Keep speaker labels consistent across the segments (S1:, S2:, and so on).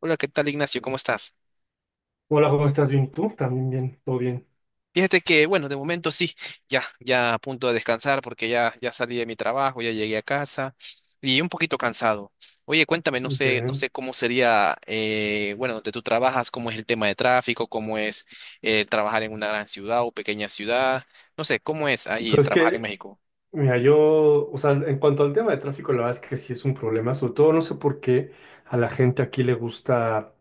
S1: Hola, ¿qué tal, Ignacio? ¿Cómo estás?
S2: Hola, ¿cómo estás? Bien, tú también, bien, todo bien.
S1: Fíjate que, bueno, de momento sí, ya a punto de descansar porque ya salí de mi trabajo, ya llegué a casa y un poquito cansado. Oye, cuéntame, no
S2: Qué
S1: sé, no sé
S2: bien.
S1: cómo sería, bueno, donde tú trabajas, cómo es el tema de tráfico, cómo es trabajar en una gran ciudad o pequeña ciudad, no sé, cómo es ahí
S2: Pues es
S1: trabajar en
S2: que,
S1: México.
S2: mira, yo, o sea, en cuanto al tema de tráfico, la verdad es que sí es un problema, sobre todo no sé por qué a la gente aquí le gusta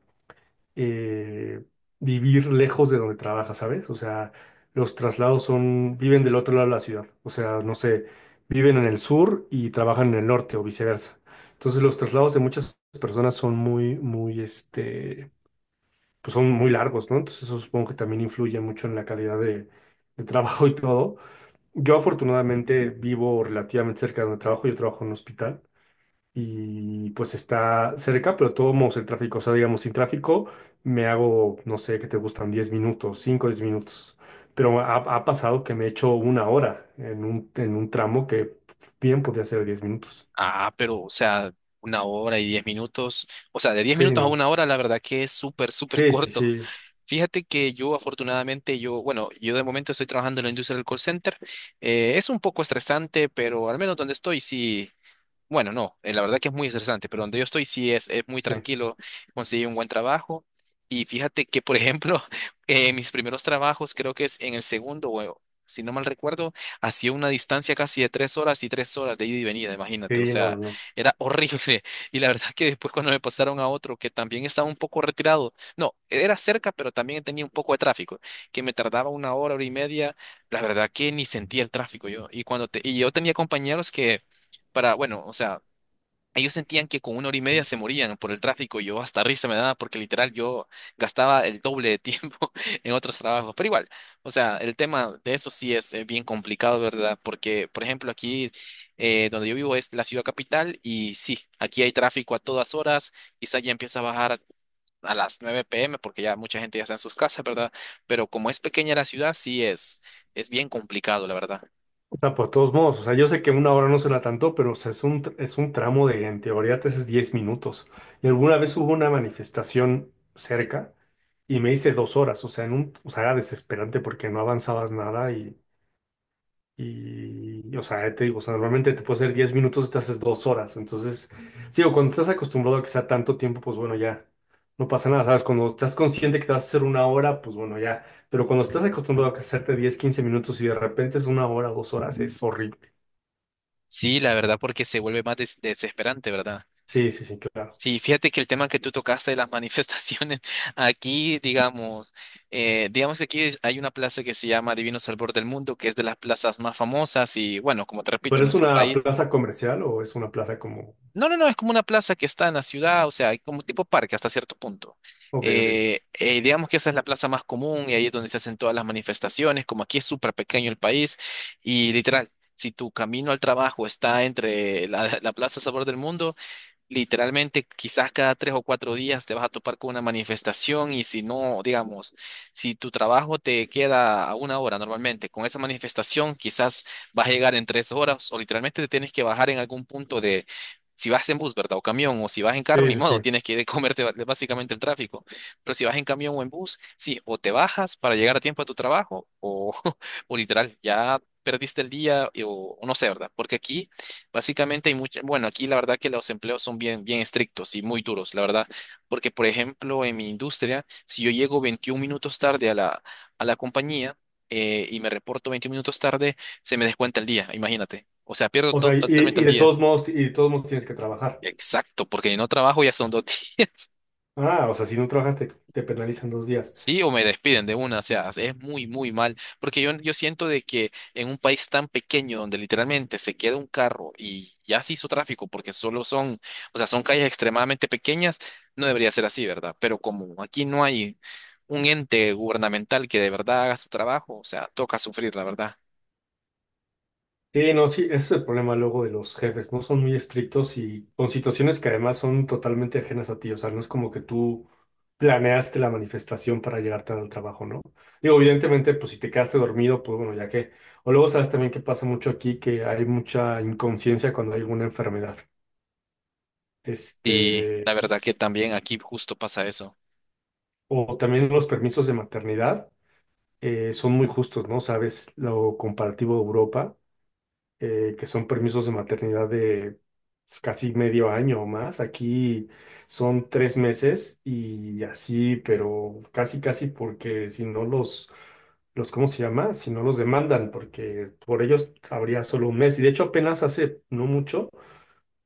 S2: eh, vivir lejos de donde trabaja, ¿sabes? O sea, los traslados son, viven del otro lado de la ciudad, o sea, no sé, viven en el sur y trabajan en el norte o viceversa. Entonces, los traslados de muchas personas son muy, muy, pues son muy largos, ¿no? Entonces eso supongo que también influye mucho en la calidad de trabajo y todo. Yo afortunadamente vivo relativamente cerca de donde trabajo, yo trabajo en un hospital y pues está cerca, pero tomamos el tráfico, o sea, digamos, sin tráfico me hago, no sé, ¿qué te gustan? 10 minutos, 5 10 minutos. Pero ha pasado que me he hecho una hora en un tramo que bien podía ser 10 minutos.
S1: Ah, pero, o sea, una hora y 10 minutos, o sea, de diez
S2: Sí,
S1: minutos a
S2: no.
S1: una hora, la verdad que es súper, súper
S2: Sí, sí,
S1: corto.
S2: sí.
S1: Fíjate que yo afortunadamente, yo, bueno, yo de momento estoy trabajando en la industria del call center. Es un poco estresante, pero al menos donde estoy sí, bueno, no, la verdad que es muy estresante, pero donde yo estoy sí es muy
S2: Sí,
S1: tranquilo, conseguí un buen trabajo y fíjate que, por ejemplo, mis primeros trabajos, creo que es en el segundo, o si no mal recuerdo, hacía una distancia casi de 3 horas y 3 horas de ida y venida, imagínate, o
S2: sí, no, no.
S1: sea,
S2: No.
S1: era horrible. Y la verdad que después cuando me pasaron a otro que también estaba un poco retirado, no, era cerca, pero también tenía un poco de tráfico, que me tardaba una hora, hora y media, la verdad que ni sentía el tráfico yo. Y, y yo tenía compañeros que para, bueno, o sea, ellos sentían que con una hora y media se morían por el tráfico y yo hasta risa me daba porque literal yo gastaba el doble de tiempo en otros trabajos. Pero igual, o sea, el tema de eso sí es bien complicado, ¿verdad? Porque, por ejemplo, aquí donde yo vivo es la ciudad capital y sí, aquí hay tráfico a todas horas, quizá ya empieza a bajar a las 9 p.m. porque ya mucha gente ya está en sus casas, ¿verdad? Pero como es pequeña la ciudad, sí es bien complicado, la verdad.
S2: O sea, por todos modos, o sea, yo sé que una hora no será tanto, pero o sea, es un tramo de, en teoría, te haces 10 minutos. Y alguna vez hubo una manifestación cerca y me hice 2 horas, o sea, o sea, era desesperante porque no avanzabas nada o sea, te digo, o sea, normalmente te puede hacer 10 minutos y te haces 2 horas. Entonces, sí, o cuando estás acostumbrado a que sea tanto tiempo, pues bueno, ya no pasa nada, ¿sabes? Cuando estás consciente que te vas a hacer una hora, pues bueno, ya. Pero cuando estás acostumbrado a que hacerte 10 15 minutos y de repente es una hora, 2 horas, es horrible.
S1: Sí, la verdad, porque se vuelve más desesperante, ¿verdad?
S2: Sí, sí, sí, claro.
S1: Sí, fíjate que el tema que tú tocaste de las manifestaciones, aquí, digamos, digamos que hay una plaza que se llama Divino Salvador del Mundo, que es de las plazas más famosas y, bueno, como te repito,
S2: ¿Pero
S1: en
S2: es
S1: nuestro
S2: una
S1: país.
S2: plaza comercial o es una plaza como?
S1: No, no, no, es como una plaza que está en la ciudad, o sea, hay como tipo parque hasta cierto punto.
S2: Ok, ok.
S1: Digamos que esa es la plaza más común y ahí es donde se hacen todas las manifestaciones, como aquí es súper pequeño el país y literal. Si tu camino al trabajo está entre la, la Plaza Sabor del Mundo. Literalmente, quizás cada 3 o 4 días te vas a topar con una manifestación y si no, digamos, si tu trabajo te queda a una hora normalmente, con esa manifestación quizás vas a llegar en 3 horas o literalmente te tienes que bajar en algún punto de, si vas en bus, ¿verdad? O camión, o si vas en carro,
S2: Sí,
S1: ni
S2: sí,
S1: modo,
S2: sí.
S1: tienes que comerte básicamente el tráfico. Pero si vas en camión o en bus, sí, o te bajas para llegar a tiempo a tu trabajo o, o literal, ya perdiste el día o no sé, ¿verdad? Porque aquí... Básicamente hay mucha, bueno, aquí la verdad que los empleos son bien, bien estrictos y muy duros, la verdad, porque por ejemplo en mi industria, si yo llego 21 minutos tarde a la compañía y me reporto 21 minutos tarde, se me descuenta el día, imagínate. O sea, pierdo
S2: O sea, y,
S1: totalmente
S2: y
S1: el
S2: de
S1: día.
S2: todos modos, y de todos modos tienes que trabajar.
S1: Exacto, porque no trabajo ya son dos días.
S2: Ah, o sea, si no trabajas te penalizan 2 días.
S1: Sí, o me despiden de una, o sea, es muy, muy mal, porque yo siento de que en un país tan pequeño donde literalmente se queda un carro y ya se hizo tráfico porque solo son, o sea, son calles extremadamente pequeñas, no debería ser así, ¿verdad? Pero como aquí no hay un ente gubernamental que de verdad haga su trabajo, o sea, toca sufrir, la verdad.
S2: Sí, no, sí, ese es el problema luego de los jefes, ¿no? Son muy estrictos y con situaciones que además son totalmente ajenas a ti. O sea, no es como que tú planeaste la manifestación para llegar tarde al trabajo, ¿no? Digo, evidentemente, pues si te quedaste dormido, pues bueno, ya que. O luego sabes también que pasa mucho aquí, que hay mucha inconsciencia cuando hay alguna enfermedad.
S1: Y la
S2: este,
S1: verdad que también aquí justo pasa eso.
S2: o también los permisos de maternidad son muy justos, ¿no? Sabes, lo comparativo a Europa, que son permisos de maternidad de pues, casi medio año o más. Aquí son 3 meses y así, pero casi, casi porque si no los, ¿cómo se llama? Si no los demandan, porque por ellos habría solo un mes. Y de hecho apenas hace no mucho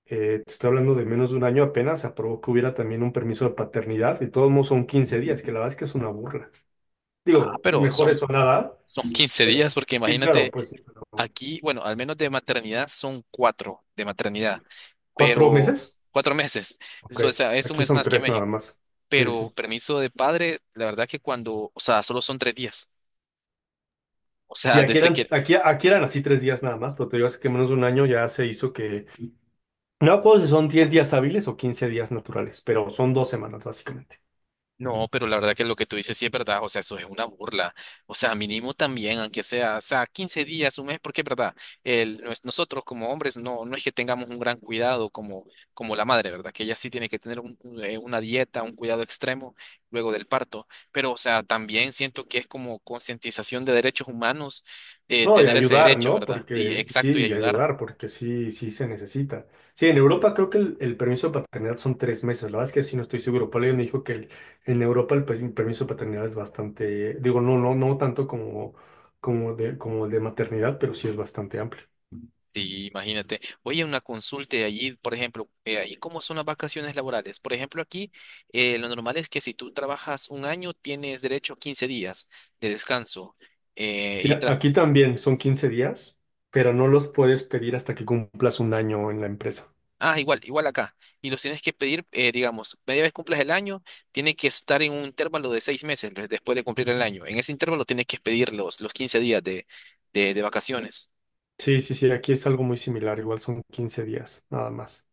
S2: te estoy hablando de menos de un año apenas, aprobó que hubiera también un permiso de paternidad, y todos modos son 15 días, que la verdad es que es una burla.
S1: Ah,
S2: Digo,
S1: pero
S2: mejor
S1: son,
S2: eso a nada,
S1: son 15 días,
S2: pero
S1: porque
S2: sí, claro,
S1: imagínate,
S2: pues sí, pero
S1: aquí, bueno, al menos de maternidad son cuatro de maternidad,
S2: ¿cuatro
S1: pero
S2: meses?
S1: cuatro meses,
S2: Ok,
S1: eso, o sea, es un
S2: aquí
S1: mes
S2: son
S1: más que
S2: tres nada
S1: México,
S2: más. Sí, sí.
S1: pero permiso de padre, la verdad que cuando, o sea, solo son 3 días, o
S2: Sí,
S1: sea,
S2: aquí
S1: desde
S2: eran,
S1: que...
S2: aquí, aquí eran así 3 días nada más, pero te digo, hace que menos de un año ya se hizo que, no me acuerdo si son 10 días hábiles o 15 días naturales, pero son 2 semanas básicamente.
S1: No, pero la verdad que lo que tú dices sí es verdad, o sea, eso es una burla. O sea, mínimo también, aunque sea, o sea, 15 días, un mes, porque es verdad, el, nosotros como hombres no, no es que tengamos un gran cuidado como, como la madre, ¿verdad? Que ella sí tiene que tener una dieta, un cuidado extremo luego del parto. Pero, o sea, también siento que es como concientización de derechos humanos,
S2: No, y
S1: tener ese
S2: ayudar,
S1: derecho,
S2: ¿no?
S1: ¿verdad? Y
S2: Porque sí,
S1: exacto, y
S2: y
S1: ayudar.
S2: ayudar, porque sí, sí se necesita. Sí, en Europa creo que el permiso de paternidad son 3 meses. La verdad es que sí no estoy seguro. Por ahí me dijo que en Europa permiso de paternidad es bastante, digo, no, no, no tanto como el de maternidad, pero sí es bastante amplio.
S1: Sí, imagínate. Oye, una consulta y allí, por ejemplo, ahí cómo son las vacaciones laborales. Por ejemplo, aquí lo normal es que si tú trabajas un año, tienes derecho a 15 días de descanso.
S2: Sí,
S1: Y tras...
S2: aquí también son 15 días, pero no los puedes pedir hasta que cumplas un año en la empresa.
S1: Ah, igual, igual acá. Y los tienes que pedir, digamos, media vez cumplas el año, tiene que estar en un intervalo de 6 meses después de cumplir el año. En ese intervalo tienes que pedir los, 15 días de vacaciones.
S2: Sí, sí, sí, aquí es algo muy similar, igual son 15 días, nada más.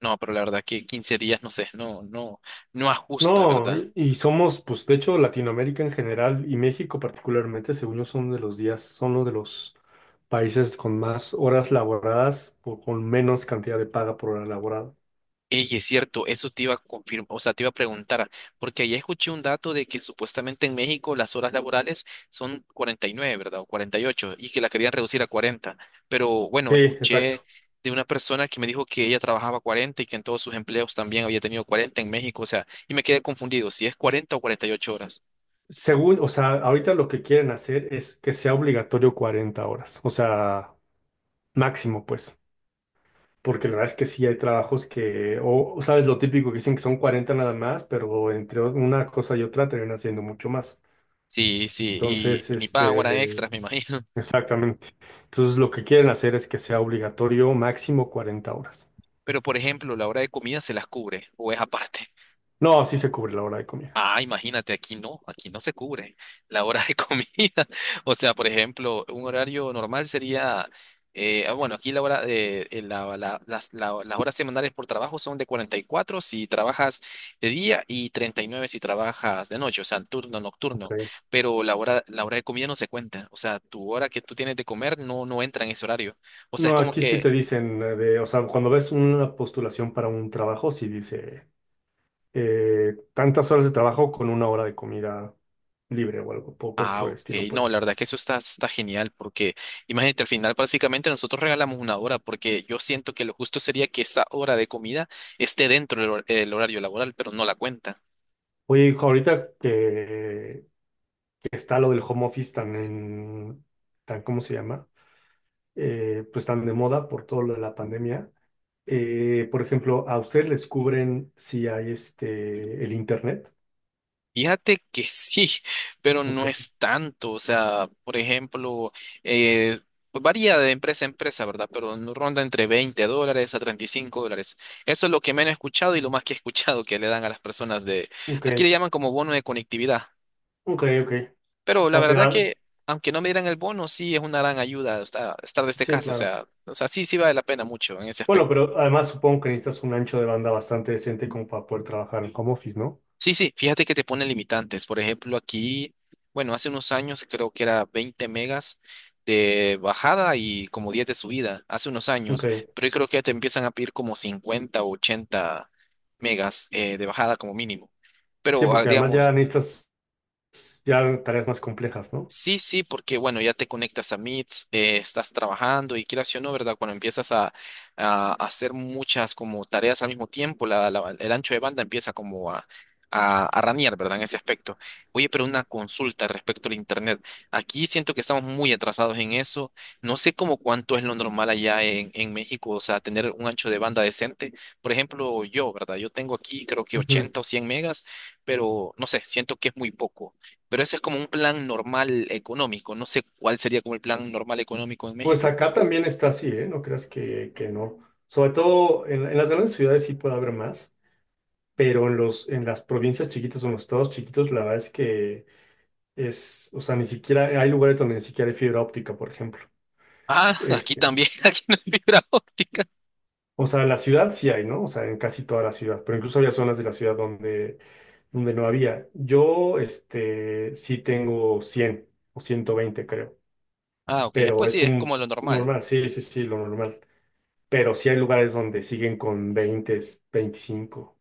S1: No, pero la verdad que 15 días, no sé, no, no, no ajusta,
S2: No,
S1: ¿verdad?
S2: y somos, pues de hecho, Latinoamérica en general y México particularmente, según yo, son uno de los países con más horas laboradas o con menos cantidad de paga por hora laborada.
S1: Ey, es cierto, eso te iba a confirmar, o sea, te iba a preguntar, porque ayer escuché un dato de que supuestamente en México las horas laborales son 49, ¿verdad? O 48, y ocho, y que la querían reducir a 40. Pero bueno,
S2: Sí, exacto.
S1: escuché de una persona que me dijo que ella trabajaba 40 y que en todos sus empleos también había tenido 40 en México, o sea, y me quedé confundido, si es 40 o 48 horas.
S2: Según, o sea, ahorita lo que quieren hacer es que sea obligatorio 40 horas, o sea, máximo, pues, porque la verdad es que sí hay trabajos que, o sabes lo típico que dicen que son 40 nada más, pero entre una cosa y otra terminan siendo mucho más.
S1: Sí, sí, y,
S2: Entonces,
S1: y ni pagan horas
S2: este,
S1: extras, me imagino.
S2: Exactamente. Entonces lo que quieren hacer es que sea obligatorio máximo 40 horas.
S1: Pero por ejemplo, la hora de comida se las cubre, o es aparte.
S2: No, sí se cubre la hora de comida.
S1: Ah, imagínate, aquí no se cubre la hora de comida. O sea, por ejemplo, un horario normal sería, bueno, aquí la hora, de la- la- las horas semanales por trabajo son de 44 si trabajas de día y 39 si trabajas de noche, o sea, turno nocturno.
S2: Ok.
S1: Pero la hora de comida no se cuenta, o sea, tu hora que tú tienes de comer no, no entra en ese horario. O sea, es
S2: No,
S1: como
S2: aquí sí
S1: que...
S2: te dicen o sea, cuando ves una postulación para un trabajo, sí dice tantas horas de trabajo con una hora de comida libre o algo, pocos
S1: Ah,
S2: por el
S1: ok.
S2: estilo,
S1: No, la
S2: pues.
S1: verdad que eso está, está genial porque imagínate, al final básicamente nosotros regalamos una hora porque yo siento que lo justo sería que esa hora de comida esté dentro del el horario laboral, pero no la cuenta.
S2: Oye, hijo, ahorita que está lo del home office tan en, tan, ¿cómo se llama? Pues tan de moda por todo lo de la pandemia. Por ejemplo, ¿a ustedes les cubren si hay el internet?
S1: Fíjate que sí, pero
S2: Ok,
S1: no es tanto. O sea, por ejemplo, eh, pues varía de empresa a empresa, ¿verdad? Pero no ronda entre $20 a $35. Eso es lo que menos he escuchado y lo más que he escuchado que le dan a las personas de...
S2: ok,
S1: Aquí le llaman como bono de conectividad.
S2: ok, ok. O
S1: Pero la
S2: sea, te
S1: verdad
S2: dan.
S1: que, aunque no me dieran el bono, sí es una gran ayuda estar de este
S2: Sí,
S1: caso.
S2: claro.
S1: O sea, sí, sí vale la pena mucho en ese
S2: Bueno,
S1: aspecto.
S2: pero además supongo que necesitas un ancho de banda bastante decente como para poder trabajar en home office, ¿no?
S1: Sí, sí, fíjate que te ponen limitantes. Por ejemplo, aquí, bueno, hace unos años creo que era 20 megas de bajada y como 10 de subida, hace unos años.
S2: Ok.
S1: Pero yo creo que ya te empiezan a pedir como 50 o 80 megas de bajada como mínimo.
S2: Sí,
S1: Pero ah,
S2: porque además ya
S1: digamos...
S2: necesitas ya tareas más complejas, ¿no?
S1: Sí, sí, porque bueno, ya te conectas a Meets, estás trabajando y quieras sí o no, ¿verdad? Cuando empiezas a hacer muchas como tareas al mismo tiempo, el ancho de banda empieza como a ranear, ¿verdad? En ese aspecto. Oye, pero una consulta respecto al Internet. Aquí siento que estamos muy atrasados en eso. No sé cómo cuánto es lo normal allá en México, o sea, tener un ancho de banda decente. Por ejemplo, yo, ¿verdad? Yo tengo aquí creo que
S2: Ujú.
S1: 80 o 100 megas, pero no sé, siento que es muy poco. Pero ese es como un plan normal económico. No sé cuál sería como el plan normal económico en
S2: Pues
S1: México.
S2: acá también está así, ¿eh? No creas que no. Sobre todo en las grandes ciudades sí puede haber más, pero en los, en las provincias chiquitas o en los estados chiquitos, la verdad es que o sea, ni siquiera hay lugares donde ni siquiera hay fibra óptica, por ejemplo.
S1: Ah, aquí
S2: Este,
S1: también, aquí no hay fibra óptica.
S2: o sea, en la ciudad sí hay, ¿no? O sea, en casi toda la ciudad, pero incluso había zonas de la ciudad donde no había. Yo, sí tengo 100 o 120 creo,
S1: Ah, ok,
S2: pero
S1: pues
S2: es
S1: sí, es
S2: un
S1: como lo normal.
S2: normal, sí, sí, sí, lo normal. Pero sí hay lugares donde siguen con 20, 25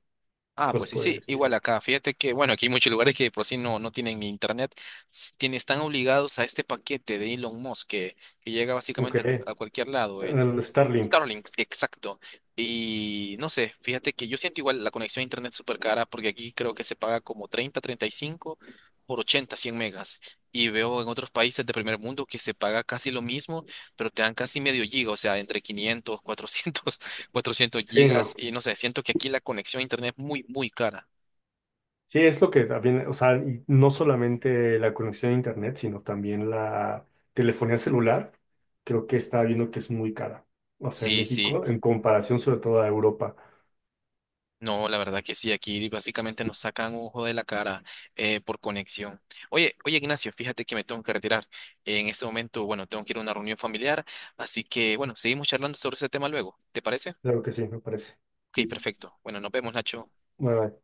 S1: Ah,
S2: cosas
S1: pues sí,
S2: por el
S1: sí, igual
S2: estilo.
S1: acá. Fíjate que, bueno, aquí hay muchos lugares que por sí no, no tienen internet. Están obligados a este paquete de Elon Musk que llega básicamente
S2: Aunque,
S1: a cualquier lado, el
S2: el Starlink,
S1: Starlink, exacto. Y no sé, fíjate que yo siento igual la conexión a internet súper cara porque aquí creo que se paga como 30, 35 por 80, 100 megas. Y veo en otros países de primer mundo que se paga casi lo mismo, pero te dan casi medio giga, o sea, entre 500, 400 400
S2: sí, no.
S1: gigas y no sé, siento que aquí la conexión a internet es muy, muy cara.
S2: Sí, es lo que también, o sea, y no solamente la conexión a internet, sino también la telefonía celular, creo que está viendo que es muy cara. O sea, en
S1: Sí, sí,
S2: México, en comparación sobre todo a Europa.
S1: no, la verdad que sí, aquí básicamente nos sacan ojo de la cara por conexión. Oye, oye Ignacio, fíjate que me tengo que retirar. En este momento, bueno, tengo que ir a una reunión familiar, así que bueno, seguimos charlando sobre ese tema luego, ¿te parece?
S2: Claro que sí, me parece.
S1: Ok, perfecto. Bueno, nos vemos, Nacho.
S2: Bueno,